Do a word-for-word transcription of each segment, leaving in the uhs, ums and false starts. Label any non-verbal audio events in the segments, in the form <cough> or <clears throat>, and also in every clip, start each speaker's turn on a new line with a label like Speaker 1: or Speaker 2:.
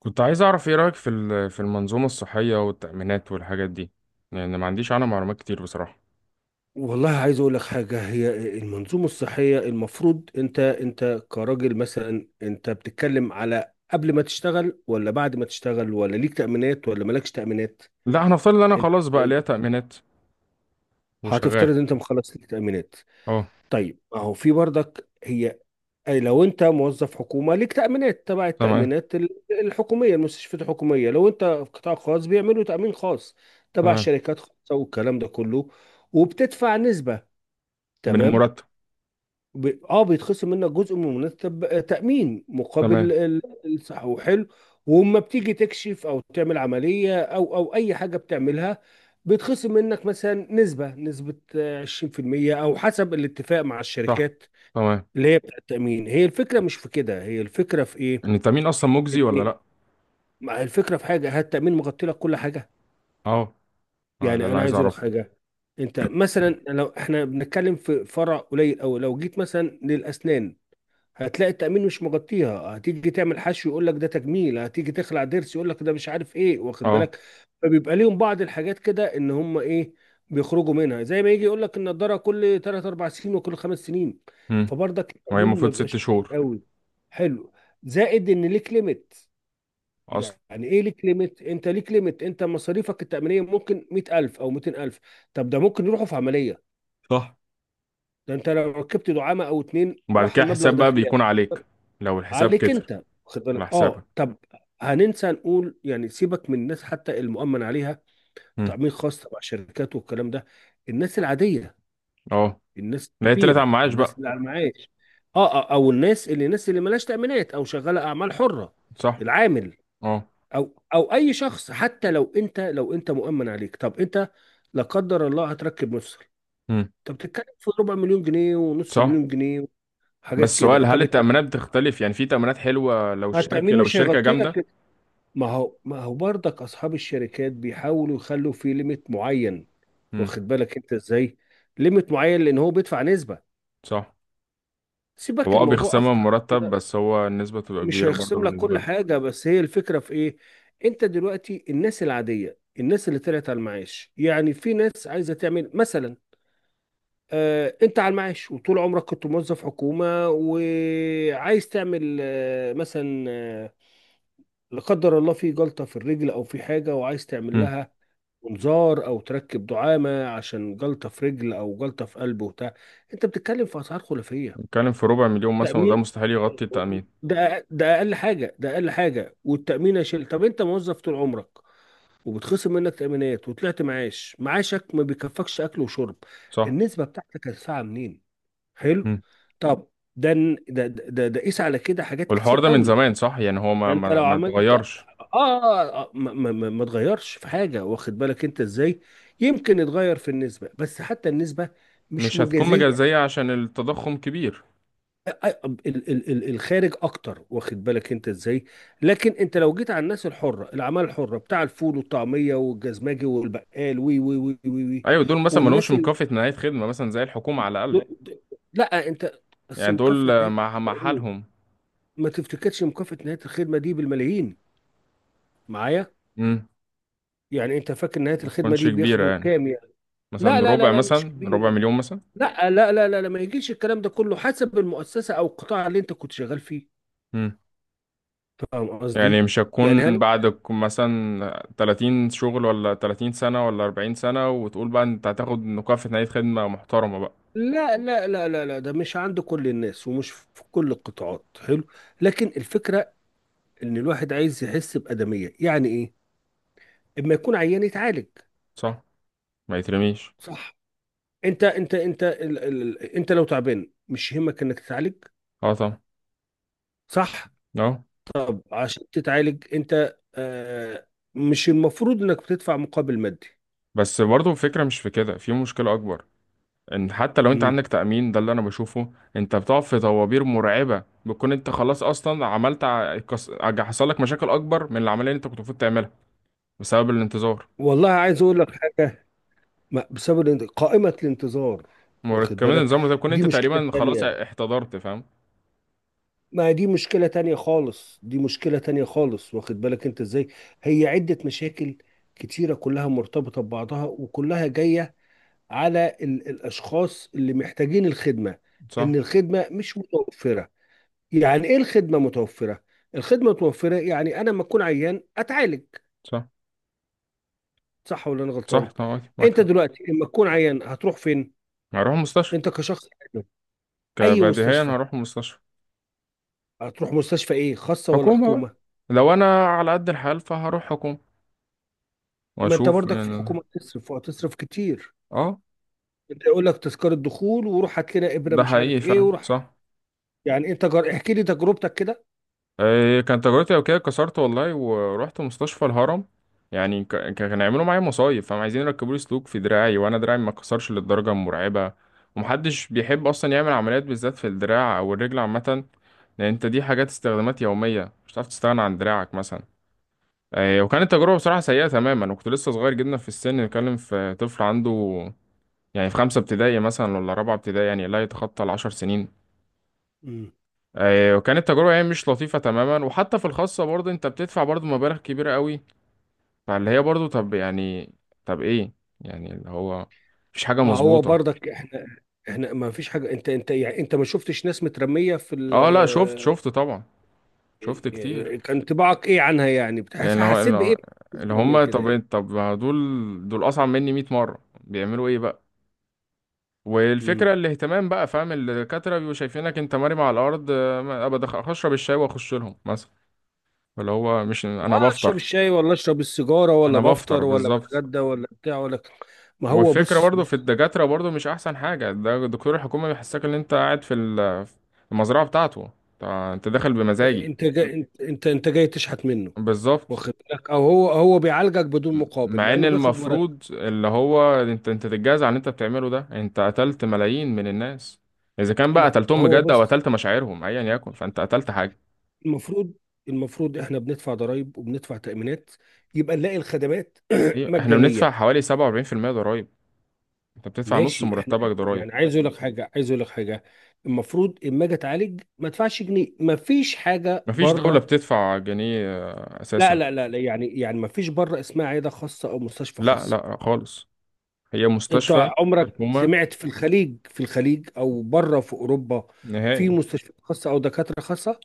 Speaker 1: كنت عايز اعرف ايه رأيك في ال- في المنظومة الصحية والتأمينات والحاجات دي، لان ما عنديش عنها معلومات كتير بصراحة.
Speaker 2: والله عايز اقول لك حاجه. هي المنظومه الصحيه المفروض انت انت كراجل، مثلا انت بتتكلم على قبل ما تشتغل ولا بعد ما تشتغل، ولا ليك تامينات ولا مالكش تامينات؟
Speaker 1: لا، هنفترض ان انا
Speaker 2: انت
Speaker 1: خلاص بقى ليا تأمينات وشغال.
Speaker 2: هتفترض انت مخلص ليك تامينات.
Speaker 1: اه.
Speaker 2: طيب ما هو في برضك هي أي لو انت موظف حكومه ليك تامينات تبع
Speaker 1: تمام.
Speaker 2: التامينات ال- الحكوميه، المستشفيات الحكوميه. لو انت في قطاع خاص بيعملوا تامين خاص تبع
Speaker 1: تمام.
Speaker 2: شركات خاصه والكلام ده كله، وبتدفع نسبه.
Speaker 1: من
Speaker 2: تمام.
Speaker 1: المرتب.
Speaker 2: ب... اه بيتخصم منك جزء من منتب تأمين مقابل
Speaker 1: تمام.
Speaker 2: ال- الصحة، حلو. وما بتيجي تكشف او تعمل عملية او او اي حاجة بتعملها، بيتخصم منك مثلا نسبة نسبة آه، عشرين في المية، او حسب الاتفاق مع
Speaker 1: صح.
Speaker 2: الشركات
Speaker 1: تمام.
Speaker 2: اللي هي بتاع التأمين. هي الفكرة مش في كده، هي الفكرة في ايه؟
Speaker 1: ان التأمين اصلا مجزي ولا
Speaker 2: ان
Speaker 1: لا؟
Speaker 2: ما هي الفكرة في حاجة، هل التأمين مغطي لك كل حاجة؟
Speaker 1: اه. آه، ده
Speaker 2: يعني
Speaker 1: اللي
Speaker 2: انا
Speaker 1: عايز
Speaker 2: عايز اقول لك
Speaker 1: اعرفه.
Speaker 2: حاجة. انت مثلا لو احنا بنتكلم في فرع قليل، او لو جيت مثلا للاسنان، هتلاقي التأمين مش مغطيها. هتيجي تعمل حشو يقول لك ده تجميل، هتيجي تخلع ضرس يقول لك ده مش عارف ايه، واخد
Speaker 1: اه.
Speaker 2: بالك. فبيبقى ليهم بعض الحاجات كده ان هم ايه، بيخرجوا منها. زي ما يجي يقول لك النضارة كل تلات أربعة سنين، وكل خمس سنين.
Speaker 1: امم.
Speaker 2: فبرضك
Speaker 1: وهي
Speaker 2: التأمين ما
Speaker 1: المفروض ست
Speaker 2: بيبقاش
Speaker 1: شهور
Speaker 2: قوي، حلو. زائد ان ليك ليميت.
Speaker 1: اصلا.
Speaker 2: يعني ايه ليك ليميت؟ انت ليك ليميت، انت مصاريفك التأمينية ممكن مئة ألف او مئتين ألف. طب ده ممكن يروحوا في عملية،
Speaker 1: صح.
Speaker 2: ده انت لو ركبت دعامة او اتنين
Speaker 1: وبعد
Speaker 2: راح
Speaker 1: كده
Speaker 2: المبلغ
Speaker 1: حساب
Speaker 2: ده
Speaker 1: بقى
Speaker 2: فيه،
Speaker 1: بيكون عليك، لو الحساب
Speaker 2: عليك
Speaker 1: كتر
Speaker 2: انت. واخد
Speaker 1: على
Speaker 2: بالك؟
Speaker 1: حسابك.
Speaker 2: اه طب، هننسى نقول يعني سيبك من الناس حتى المؤمن عليها،
Speaker 1: امم.
Speaker 2: تأمين خاص تبع شركات والكلام ده. الناس العادية،
Speaker 1: اه.
Speaker 2: الناس
Speaker 1: لا، هي طلعت على
Speaker 2: الكبيرة،
Speaker 1: المعاش
Speaker 2: الناس
Speaker 1: بقى.
Speaker 2: اللي على المعاش، اه آه، او الناس اللي الناس اللي مالهاش تأمينات او شغالة اعمال حرة،
Speaker 1: صح.
Speaker 2: العامل،
Speaker 1: اه.
Speaker 2: او او اي شخص. حتى لو انت لو انت مؤمن عليك، طب انت لا قدر الله هتركب مفصل،
Speaker 1: امم.
Speaker 2: طب بتتكلم في ربع مليون جنيه ونص
Speaker 1: صح.
Speaker 2: مليون جنيه، حاجات
Speaker 1: بس
Speaker 2: كده.
Speaker 1: سؤال، هل
Speaker 2: طب التأمين،
Speaker 1: التأمينات بتختلف؟ يعني في تأمينات حلوة لو الشركة
Speaker 2: التأمين
Speaker 1: لو
Speaker 2: مش
Speaker 1: الشركة
Speaker 2: هيغطي
Speaker 1: جامدة؟
Speaker 2: لك. ما هو ما هو برضك اصحاب الشركات بيحاولوا يخلوا فيه ليميت معين.
Speaker 1: امم.
Speaker 2: واخد بالك انت ازاي، ليميت معين لان هو بيدفع نسبة.
Speaker 1: صح.
Speaker 2: سيبك،
Speaker 1: هو اه
Speaker 2: الموضوع
Speaker 1: بيخصمها من
Speaker 2: اخطر من
Speaker 1: مرتب،
Speaker 2: كده.
Speaker 1: بس هو النسبة تبقى
Speaker 2: مش
Speaker 1: كبيرة برضه
Speaker 2: هيخصم لك
Speaker 1: بالنسبة
Speaker 2: كل
Speaker 1: له.
Speaker 2: حاجة. بس هي الفكرة في ايه؟ انت دلوقتي الناس العادية، الناس اللي طلعت على المعاش، يعني في ناس عايزة تعمل مثلا، آه انت على المعاش وطول عمرك كنت موظف حكومة وعايز تعمل، آه مثلا، آه لا قدر الله في جلطة في الرجل او في حاجة، وعايز تعمل
Speaker 1: امم.
Speaker 2: لها منظار او تركب دعامه عشان جلطه في رجل او جلطه في قلب وبتاع. انت بتتكلم في اسعار خلافيه.
Speaker 1: بتتكلم في ربع مليون مثلا، وده
Speaker 2: تامين
Speaker 1: مستحيل يغطي التأمين.
Speaker 2: ده ده اقل حاجه، ده اقل حاجه. والتامين يا شيل. طب انت موظف طول عمرك وبتخصم منك تامينات وطلعت معاش، معاشك ما بيكفكش اكل وشرب،
Speaker 1: صح.
Speaker 2: النسبه بتاعتك هتدفعها منين؟ حلو.
Speaker 1: امم.
Speaker 2: طب، ده ده ده ده قيس على كده حاجات
Speaker 1: والحوار
Speaker 2: كتير
Speaker 1: ده من
Speaker 2: قوي.
Speaker 1: زمان، صح؟ يعني هو ما
Speaker 2: انت
Speaker 1: ما
Speaker 2: لو
Speaker 1: ما
Speaker 2: عملت اه,
Speaker 1: اتغيرش.
Speaker 2: آه, آه ما, ما, ما ما تغيرش في حاجه، واخد بالك انت ازاي. يمكن يتغير في النسبه، بس حتى النسبه مش
Speaker 1: مش هتكون
Speaker 2: مجازيه.
Speaker 1: مجزية عشان التضخم كبير.
Speaker 2: آه، آه، ال- ال- ال- الخارج اكتر، واخد بالك انت ازاي. لكن انت لو جيت على الناس الحره، الاعمال الحره، بتاع الفول والطعميه والجزماجي والبقال، وي وي وي وي، وي.
Speaker 1: ايوه، دول مثلا ما لهمش
Speaker 2: والناس ال...
Speaker 1: مكافأة نهاية خدمة مثلا زي الحكومة على الأقل.
Speaker 2: دول- د- لا انت، بس
Speaker 1: يعني دول
Speaker 2: مكافاه
Speaker 1: آه،
Speaker 2: نهايه.
Speaker 1: مع مع
Speaker 2: ايه،
Speaker 1: حالهم.
Speaker 2: ما تفتكرش مكافاه نهايه الخدمه دي بالملايين؟ معايا،
Speaker 1: امم.
Speaker 2: يعني انت فاكر نهايه
Speaker 1: ما
Speaker 2: الخدمه
Speaker 1: تكونش
Speaker 2: دي
Speaker 1: كبيرة
Speaker 2: بياخدوا
Speaker 1: يعني،
Speaker 2: كام؟ لا
Speaker 1: مثلا
Speaker 2: لا لا
Speaker 1: ربع
Speaker 2: لا، مش
Speaker 1: مثلا ربع
Speaker 2: كبير.
Speaker 1: مليون مثلا.
Speaker 2: لا لا لا لا لا، ما يجيش. الكلام ده كله حسب المؤسسة أو القطاع اللي أنت كنت شغال فيه. فاهم
Speaker 1: يعني
Speaker 2: قصدي؟
Speaker 1: مش
Speaker 2: يعني
Speaker 1: هتكون
Speaker 2: هل
Speaker 1: بعد ك- مثلا تلاتين شغل، ولا تلاتين سنة، ولا أربعين سنة، وتقول بقى انت هتاخد مكافأة نهاية خدمة محترمة بقى.
Speaker 2: لا لا لا لا لا، ده مش عند كل الناس ومش في كل القطاعات، حلو. لكن الفكرة إن الواحد عايز يحس بأدمية. يعني إيه؟ إما يكون عيان يتعالج،
Speaker 1: صح. ما يترميش.
Speaker 2: صح. أنت أنت أنت ال ال أنت لو تعبان مش يهمك إنك تتعالج؟
Speaker 1: اه طبعا.
Speaker 2: صح؟
Speaker 1: اه.
Speaker 2: طب عشان تتعالج أنت، آه مش المفروض إنك بتدفع مقابل مادي.
Speaker 1: بس برضه الفكرة مش في كده، في مشكلة أكبر. إن حتى لو أنت عندك تأمين، ده اللي أنا بشوفه، أنت بتقع في طوابير مرعبة، بتكون أنت خلاص أصلا عملت ع- كس- ع- حصل لك مشاكل أكبر من العملية اللي أنت كنت المفروض تعملها، بسبب الانتظار.
Speaker 2: والله عايز اقول لك حاجه. ما- بسبب الانت- قائمه الانتظار،
Speaker 1: مر-
Speaker 2: واخد
Speaker 1: كمان
Speaker 2: بالك،
Speaker 1: النظام ده بتكون
Speaker 2: دي
Speaker 1: أنت
Speaker 2: مشكله
Speaker 1: تقريبا خلاص
Speaker 2: تانية.
Speaker 1: احتضرت، فاهم؟
Speaker 2: ما دي مشكله تانية خالص، دي مشكله تانية خالص، واخد بالك انت ازاي. هي عده مشاكل كتيره كلها مرتبطه ببعضها، وكلها جايه على ال الاشخاص اللي محتاجين الخدمه، ان
Speaker 1: صح.
Speaker 2: الخدمه مش متوفره. يعني ايه الخدمه متوفره؟ الخدمه متوفره يعني انا لما اكون عيان اتعالج.
Speaker 1: صح.
Speaker 2: صح ولا انا
Speaker 1: صح
Speaker 2: غلطان؟
Speaker 1: طبعا، معاك
Speaker 2: انت
Speaker 1: حق.
Speaker 2: دلوقتي لما تكون عيان هتروح فين؟
Speaker 1: هروح مستشفى.
Speaker 2: انت كشخص. اي
Speaker 1: كبديهيا
Speaker 2: مستشفى؟
Speaker 1: هروح مستشفى.
Speaker 2: هتروح مستشفى ايه، خاصه ولا
Speaker 1: حكومة بقى،
Speaker 2: حكومه؟
Speaker 1: لو انا على قد الحال فهروح حكومة
Speaker 2: ما انت
Speaker 1: واشوف
Speaker 2: برضك في
Speaker 1: يعني.
Speaker 2: الحكومه هتصرف، وهتصرف كتير.
Speaker 1: اه.
Speaker 2: انت يقول لك تذكره دخول، وروح هات لنا ابره
Speaker 1: ده
Speaker 2: مش
Speaker 1: حقيقي
Speaker 2: عارف ايه،
Speaker 1: فعلا،
Speaker 2: وروح.
Speaker 1: صح.
Speaker 2: يعني انت جر... احكي لي تجربتك كده.
Speaker 1: إيه كان تجربتي؟ او كده، كسرت والله ورحت مستشفى الهرم. يعني ك- ك- كانوا يعملوا معايا مصايب، فهم عايزين يركبوا لي سلوك في دراعي، وانا دراعي ما اتكسرش للدرجة المرعبة. ومحدش بيحب اصلا يعمل عمليات بالذات في الدراع او الرجل عامة، لان انت دي حاجات استخدامات يومية، مش هتعرف تستغنى عن دراعك مثلا. آه، وكانت تجربة بصراحة سيئة تماما، وكنت لسه صغير جدا في السن. بتكلم في طفل عنده يعني في خمسة ابتدائي مثلا، ولا رابعة ابتدائي، يعني لا يتخطى العشر سنين.
Speaker 2: مم.
Speaker 1: آه، وكانت تجربة يعني مش لطيفة تماما. وحتى في الخاصة برضه انت بتدفع برضه مبالغ كبيرة قوي. فاللي هي برضه، طب يعني، طب ايه، يعني اللي هو، مفيش حاجة
Speaker 2: ما هو
Speaker 1: مظبوطة.
Speaker 2: برضك احنا، احنا ما فيش حاجه. انت انت يعني انت ما شفتش ناس مترميه في ال
Speaker 1: اه. لا، شفت شفت طبعا. شفت كتير.
Speaker 2: آه، كان انطباعك ايه عنها؟ يعني
Speaker 1: يعني
Speaker 2: بتحس...
Speaker 1: اللي هو
Speaker 2: حسيت
Speaker 1: اللي
Speaker 2: بايه؟
Speaker 1: هو- اللي
Speaker 2: مترميه
Speaker 1: هم،
Speaker 2: كده يعني.
Speaker 1: طب طب ما دول، دول أصعب مني مائة مرة، بيعملوا ايه بقى؟
Speaker 2: مم.
Speaker 1: والفكرة الاهتمام بقى، فاهم؟ الدكاترة بيبقوا شايفينك انت مرمي على الأرض. آه، ما- أبقى دخ- أشرب الشاي وأخش لهم مثلا. اللي هو مش
Speaker 2: اه،
Speaker 1: أنا
Speaker 2: اشرب
Speaker 1: بفطر.
Speaker 2: الشاي ولا اشرب السيجاره، ولا
Speaker 1: أنا بفطر
Speaker 2: بفطر ولا
Speaker 1: بالظبط.
Speaker 2: بتغدى ولا بتاع، ولا. ما هو
Speaker 1: والفكرة
Speaker 2: بص
Speaker 1: برضو في
Speaker 2: بص،
Speaker 1: الدكاترة برضو مش أحسن حاجة. ده دكتور الحكومة بيحسسك إن أنت قاعد في ال- في المزرعة بتاعته. أنت أنت داخل بمزاجي.
Speaker 2: انت جاي، انت انت انت جاي تشحت منه،
Speaker 1: بالظبط.
Speaker 2: واخد بالك. او هو هو بيعالجك بدون
Speaker 1: م-
Speaker 2: مقابل
Speaker 1: مع
Speaker 2: مع
Speaker 1: إن
Speaker 2: انه بياخد مرتب.
Speaker 1: المفروض اللي هو أنت أنت تتجازى على اللي أنت بتعمله. ده أنت قتلت ملايين من الناس، إذا كان بقى
Speaker 2: ما
Speaker 1: قتلتهم
Speaker 2: هو
Speaker 1: بجد أو
Speaker 2: بص،
Speaker 1: قتلت مشاعرهم، أيا يكن فأنت قتلت حاجة.
Speaker 2: المفروض المفروض احنا بندفع ضرائب وبندفع تأمينات، يبقى نلاقي الخدمات <clears throat>
Speaker 1: ايوه، احنا بندفع
Speaker 2: مجانية.
Speaker 1: حوالي سبعة وأربعين في المية ضرائب. انت بتدفع نص
Speaker 2: ماشي احنا
Speaker 1: مرتبك ضرائب.
Speaker 2: يعني، عايز اقول لك حاجة عايز اقول لك حاجة. المفروض اما اجي اتعالج ما ادفعش جنيه، ما فيش حاجة
Speaker 1: مفيش دولة
Speaker 2: بره.
Speaker 1: بتدفع جنيه
Speaker 2: لا
Speaker 1: اساسا.
Speaker 2: لا لا لا، يعني يعني ما فيش بره اسمها عيادة خاصة او مستشفى
Speaker 1: لا
Speaker 2: خاصة.
Speaker 1: لا خالص. هي
Speaker 2: انت
Speaker 1: مستشفى
Speaker 2: عمرك
Speaker 1: حكومة.
Speaker 2: سمعت في الخليج، في الخليج او بره في اوروبا، في
Speaker 1: نهائي.
Speaker 2: مستشفيات خاصه او دكاتره خاصه؟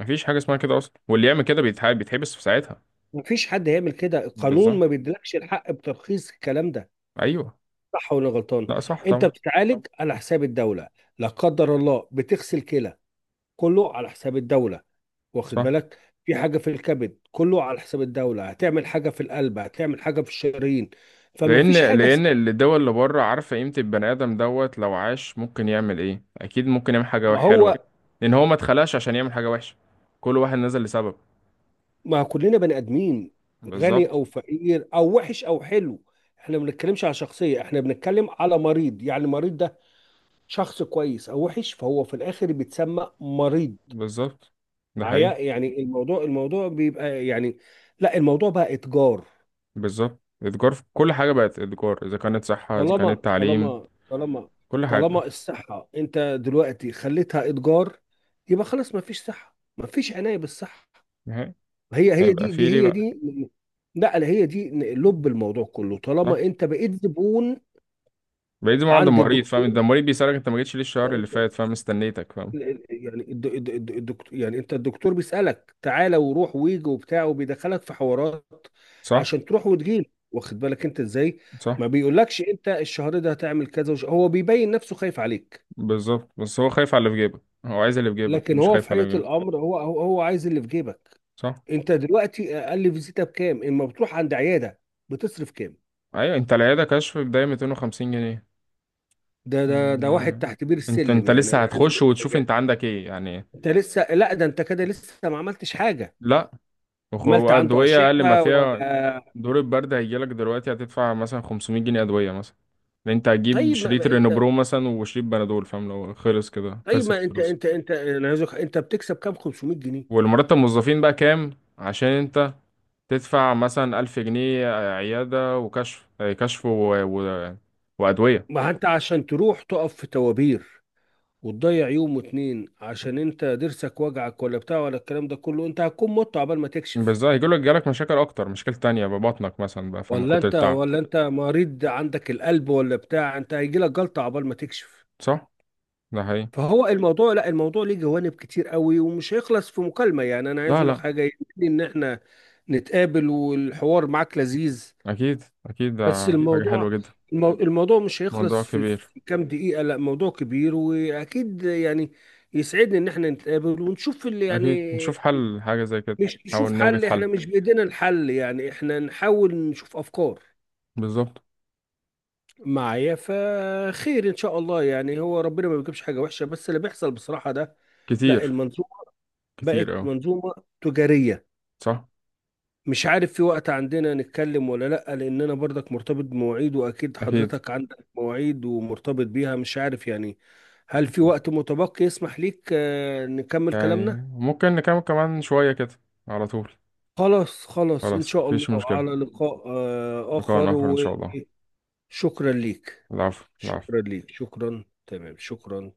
Speaker 1: مفيش حاجة اسمها كده اصلا، واللي يعمل كده بيتحب بيتحبس في ساعتها.
Speaker 2: مفيش حد هيعمل كده، القانون
Speaker 1: بالظبط.
Speaker 2: ما بيديلكش الحق بترخيص الكلام ده.
Speaker 1: ايوه.
Speaker 2: صح ولا غلطان؟
Speaker 1: لا صح
Speaker 2: انت
Speaker 1: طبعا.
Speaker 2: بتتعالج على حساب الدوله، لا قدر الله بتغسل كلى كله على حساب الدوله. واخد
Speaker 1: صح.
Speaker 2: بالك. في حاجه في الكبد كله على حساب الدوله، هتعمل حاجه في القلب، هتعمل حاجه في الشرايين. فما
Speaker 1: لان
Speaker 2: فيش حاجه
Speaker 1: لان
Speaker 2: اسمها.
Speaker 1: الدول اللي بره عارفة قيمة البني ادم دوت، لو عاش ممكن يعمل ايه، اكيد ممكن يعمل حاجة
Speaker 2: ما
Speaker 1: حلوة.
Speaker 2: هو
Speaker 1: لان هو ما اتخلقش عشان يعمل حاجة وحشة، كل واحد نزل لسبب.
Speaker 2: ما كلنا بني ادمين، غني
Speaker 1: بالظبط.
Speaker 2: او فقير او وحش او حلو. احنا ما بنتكلمش على شخصيه، احنا بنتكلم على مريض. يعني المريض ده شخص كويس او وحش، فهو في الاخر بيتسمى مريض.
Speaker 1: بالظبط. ده حقيقي.
Speaker 2: عيا- يعني الموضوع الموضوع بيبقى يعني، لا الموضوع بقى اتجار.
Speaker 1: بالظبط. الاتجار في كل حاجة بقت اتجار، إذا كانت صحة إذا
Speaker 2: طالما
Speaker 1: كانت تعليم،
Speaker 2: طالما طالما
Speaker 1: كل حاجة.
Speaker 2: طالما الصحه انت دلوقتي خليتها اتجار، يبقى خلاص ما فيش صحه، ما فيش عنايه بالصحه.
Speaker 1: نهائي.
Speaker 2: هي هي
Speaker 1: هيبقى
Speaker 2: دي
Speaker 1: فيه
Speaker 2: دي
Speaker 1: ليه
Speaker 2: هي
Speaker 1: بقى؟
Speaker 2: دي. لا لا، هي دي لب الموضوع كله. طالما
Speaker 1: صح.
Speaker 2: انت بقيت زبون
Speaker 1: بعيد ما عند
Speaker 2: عند
Speaker 1: المريض، فاهم؟
Speaker 2: الدكتور،
Speaker 1: ده المريض بيسألك، أنت ما جيتش ليه الشهر اللي فات؟ فاهم؟ استنيتك، فاهم؟
Speaker 2: يعني الد- الد- الد- الدكتور. يعني انت الدكتور بيسألك تعالى وروح ويجي وبتاع، وبيدخلك في حوارات
Speaker 1: صح.
Speaker 2: عشان تروح وتجيله. واخد بالك انت ازاي.
Speaker 1: صح.
Speaker 2: ما بيقولكش انت الشهر ده هتعمل كذا وش... هو بيبين نفسه خايف عليك.
Speaker 1: بالظبط، بس هو خايف على اللي في جيبك. هو عايز اللي في جيبك،
Speaker 2: لكن
Speaker 1: مش
Speaker 2: هو في
Speaker 1: خايف على اللي
Speaker 2: حقيقة
Speaker 1: في جيبك.
Speaker 2: الامر هو هو هو عايز اللي في جيبك.
Speaker 1: صح.
Speaker 2: انت دلوقتي اقل فيزيتا بكام اما بتروح عند عيادة، بتصرف كام؟
Speaker 1: أيوة، أنت العيادة كشف بداية ميتين وخمسين جنيه،
Speaker 2: ده ده ده واحد
Speaker 1: يعني
Speaker 2: تحت بير
Speaker 1: أنت
Speaker 2: السلم.
Speaker 1: أنت
Speaker 2: يعني
Speaker 1: لسه
Speaker 2: انا عايز
Speaker 1: هتخش
Speaker 2: اقول
Speaker 1: وتشوف
Speaker 2: حاجه،
Speaker 1: أنت عندك إيه يعني.
Speaker 2: انت لسه، لا ده انت كده لسه ما عملتش حاجه.
Speaker 1: لا. وخ-
Speaker 2: عملت عنده
Speaker 1: وأدوية أقل ما
Speaker 2: اشعه
Speaker 1: فيها.
Speaker 2: ولا؟
Speaker 1: دور البرد هيجيلك دلوقتي، هتدفع مثلا خمسمائة جنيه أدوية مثلا. لأن أنت هتجيب
Speaker 2: طيب ما
Speaker 1: شريط
Speaker 2: ما انت
Speaker 1: رينبرو مثلا وشريط بنادول، فاهم؟ لو خلص كده
Speaker 2: طيب ما
Speaker 1: خلصت
Speaker 2: انت، انت
Speaker 1: الفلوس.
Speaker 2: انت انا عايز أقول- انت بتكسب كام، خمسمية جنيه؟
Speaker 1: والمرتب الموظفين بقى كام، عشان أنت تدفع مثلا ألف جنيه عيادة، وكشف آه، كشف و... و... وأدوية.
Speaker 2: ما انت عشان تروح تقف في توابير وتضيع يوم واتنين عشان انت ضرسك وجعك ولا بتاع ولا الكلام ده كله، انت هتكون مت عبال ما تكشف.
Speaker 1: بالظبط، هيجيلك، جالك مشاكل أكتر، مشاكل تانية ببطنك مثلا بقى، فمن
Speaker 2: ولا
Speaker 1: كتر
Speaker 2: انت
Speaker 1: التعب.
Speaker 2: ولا انت مريض عندك القلب ولا بتاع، انت هيجيلك جلطه عبال ما تكشف.
Speaker 1: صح؟ ده حقيقي.
Speaker 2: فهو الموضوع، لا الموضوع ليه جوانب كتير قوي، ومش هيخلص في مكالمة. يعني انا عايز
Speaker 1: لا
Speaker 2: اقول لك
Speaker 1: لا.
Speaker 2: حاجة، يمكن ان احنا نتقابل. والحوار معاك لذيذ
Speaker 1: أكيد أكيد، ده
Speaker 2: بس جدا.
Speaker 1: حاجة حلوة
Speaker 2: الموضوع،
Speaker 1: جدا.
Speaker 2: المو- الموضوع مش
Speaker 1: موضوع
Speaker 2: هيخلص في
Speaker 1: كبير.
Speaker 2: في كام دقيقة. لا موضوع كبير، واكيد يعني يسعدني ان احنا نتقابل ونشوف اللي
Speaker 1: أكيد
Speaker 2: يعني،
Speaker 1: نشوف حل حاجة زي كده.
Speaker 2: مش أكيد
Speaker 1: نحاول
Speaker 2: نشوف
Speaker 1: نوجد
Speaker 2: حل، احنا
Speaker 1: حل،
Speaker 2: مش بايدينا الحل، يعني احنا نحاول نشوف افكار
Speaker 1: بالظبط.
Speaker 2: معايا، فخير ان شاء الله. يعني هو ربنا ما بيجيبش حاجة وحشة، بس اللي بيحصل بصراحة ده،
Speaker 1: كتير.
Speaker 2: لا،
Speaker 1: كتير
Speaker 2: بقت
Speaker 1: اه.
Speaker 2: منظومة تجارية.
Speaker 1: صح.
Speaker 2: مش عارف في وقت عندنا نتكلم ولا لأ، لأن أنا برضك مرتبط بمواعيد وأكيد
Speaker 1: اكيد.
Speaker 2: حضرتك عندك مواعيد ومرتبط بيها، مش عارف يعني. هل في
Speaker 1: أكيد.
Speaker 2: وقت متبقي يسمح ليك آه، نكمل
Speaker 1: يعني
Speaker 2: كلامنا؟
Speaker 1: ممكن نكمل كمان شوية كده، على طول.
Speaker 2: خلاص خلاص إن
Speaker 1: خلاص
Speaker 2: شاء الله.
Speaker 1: مفيش
Speaker 2: على
Speaker 1: مشكلة.
Speaker 2: لقاء آه، آخر.
Speaker 1: لقاء آخر إن شاء الله.
Speaker 2: وشكرا ليك.
Speaker 1: العفو، العفو.
Speaker 2: شكرا ليك، شكرا، تمام، شكرا.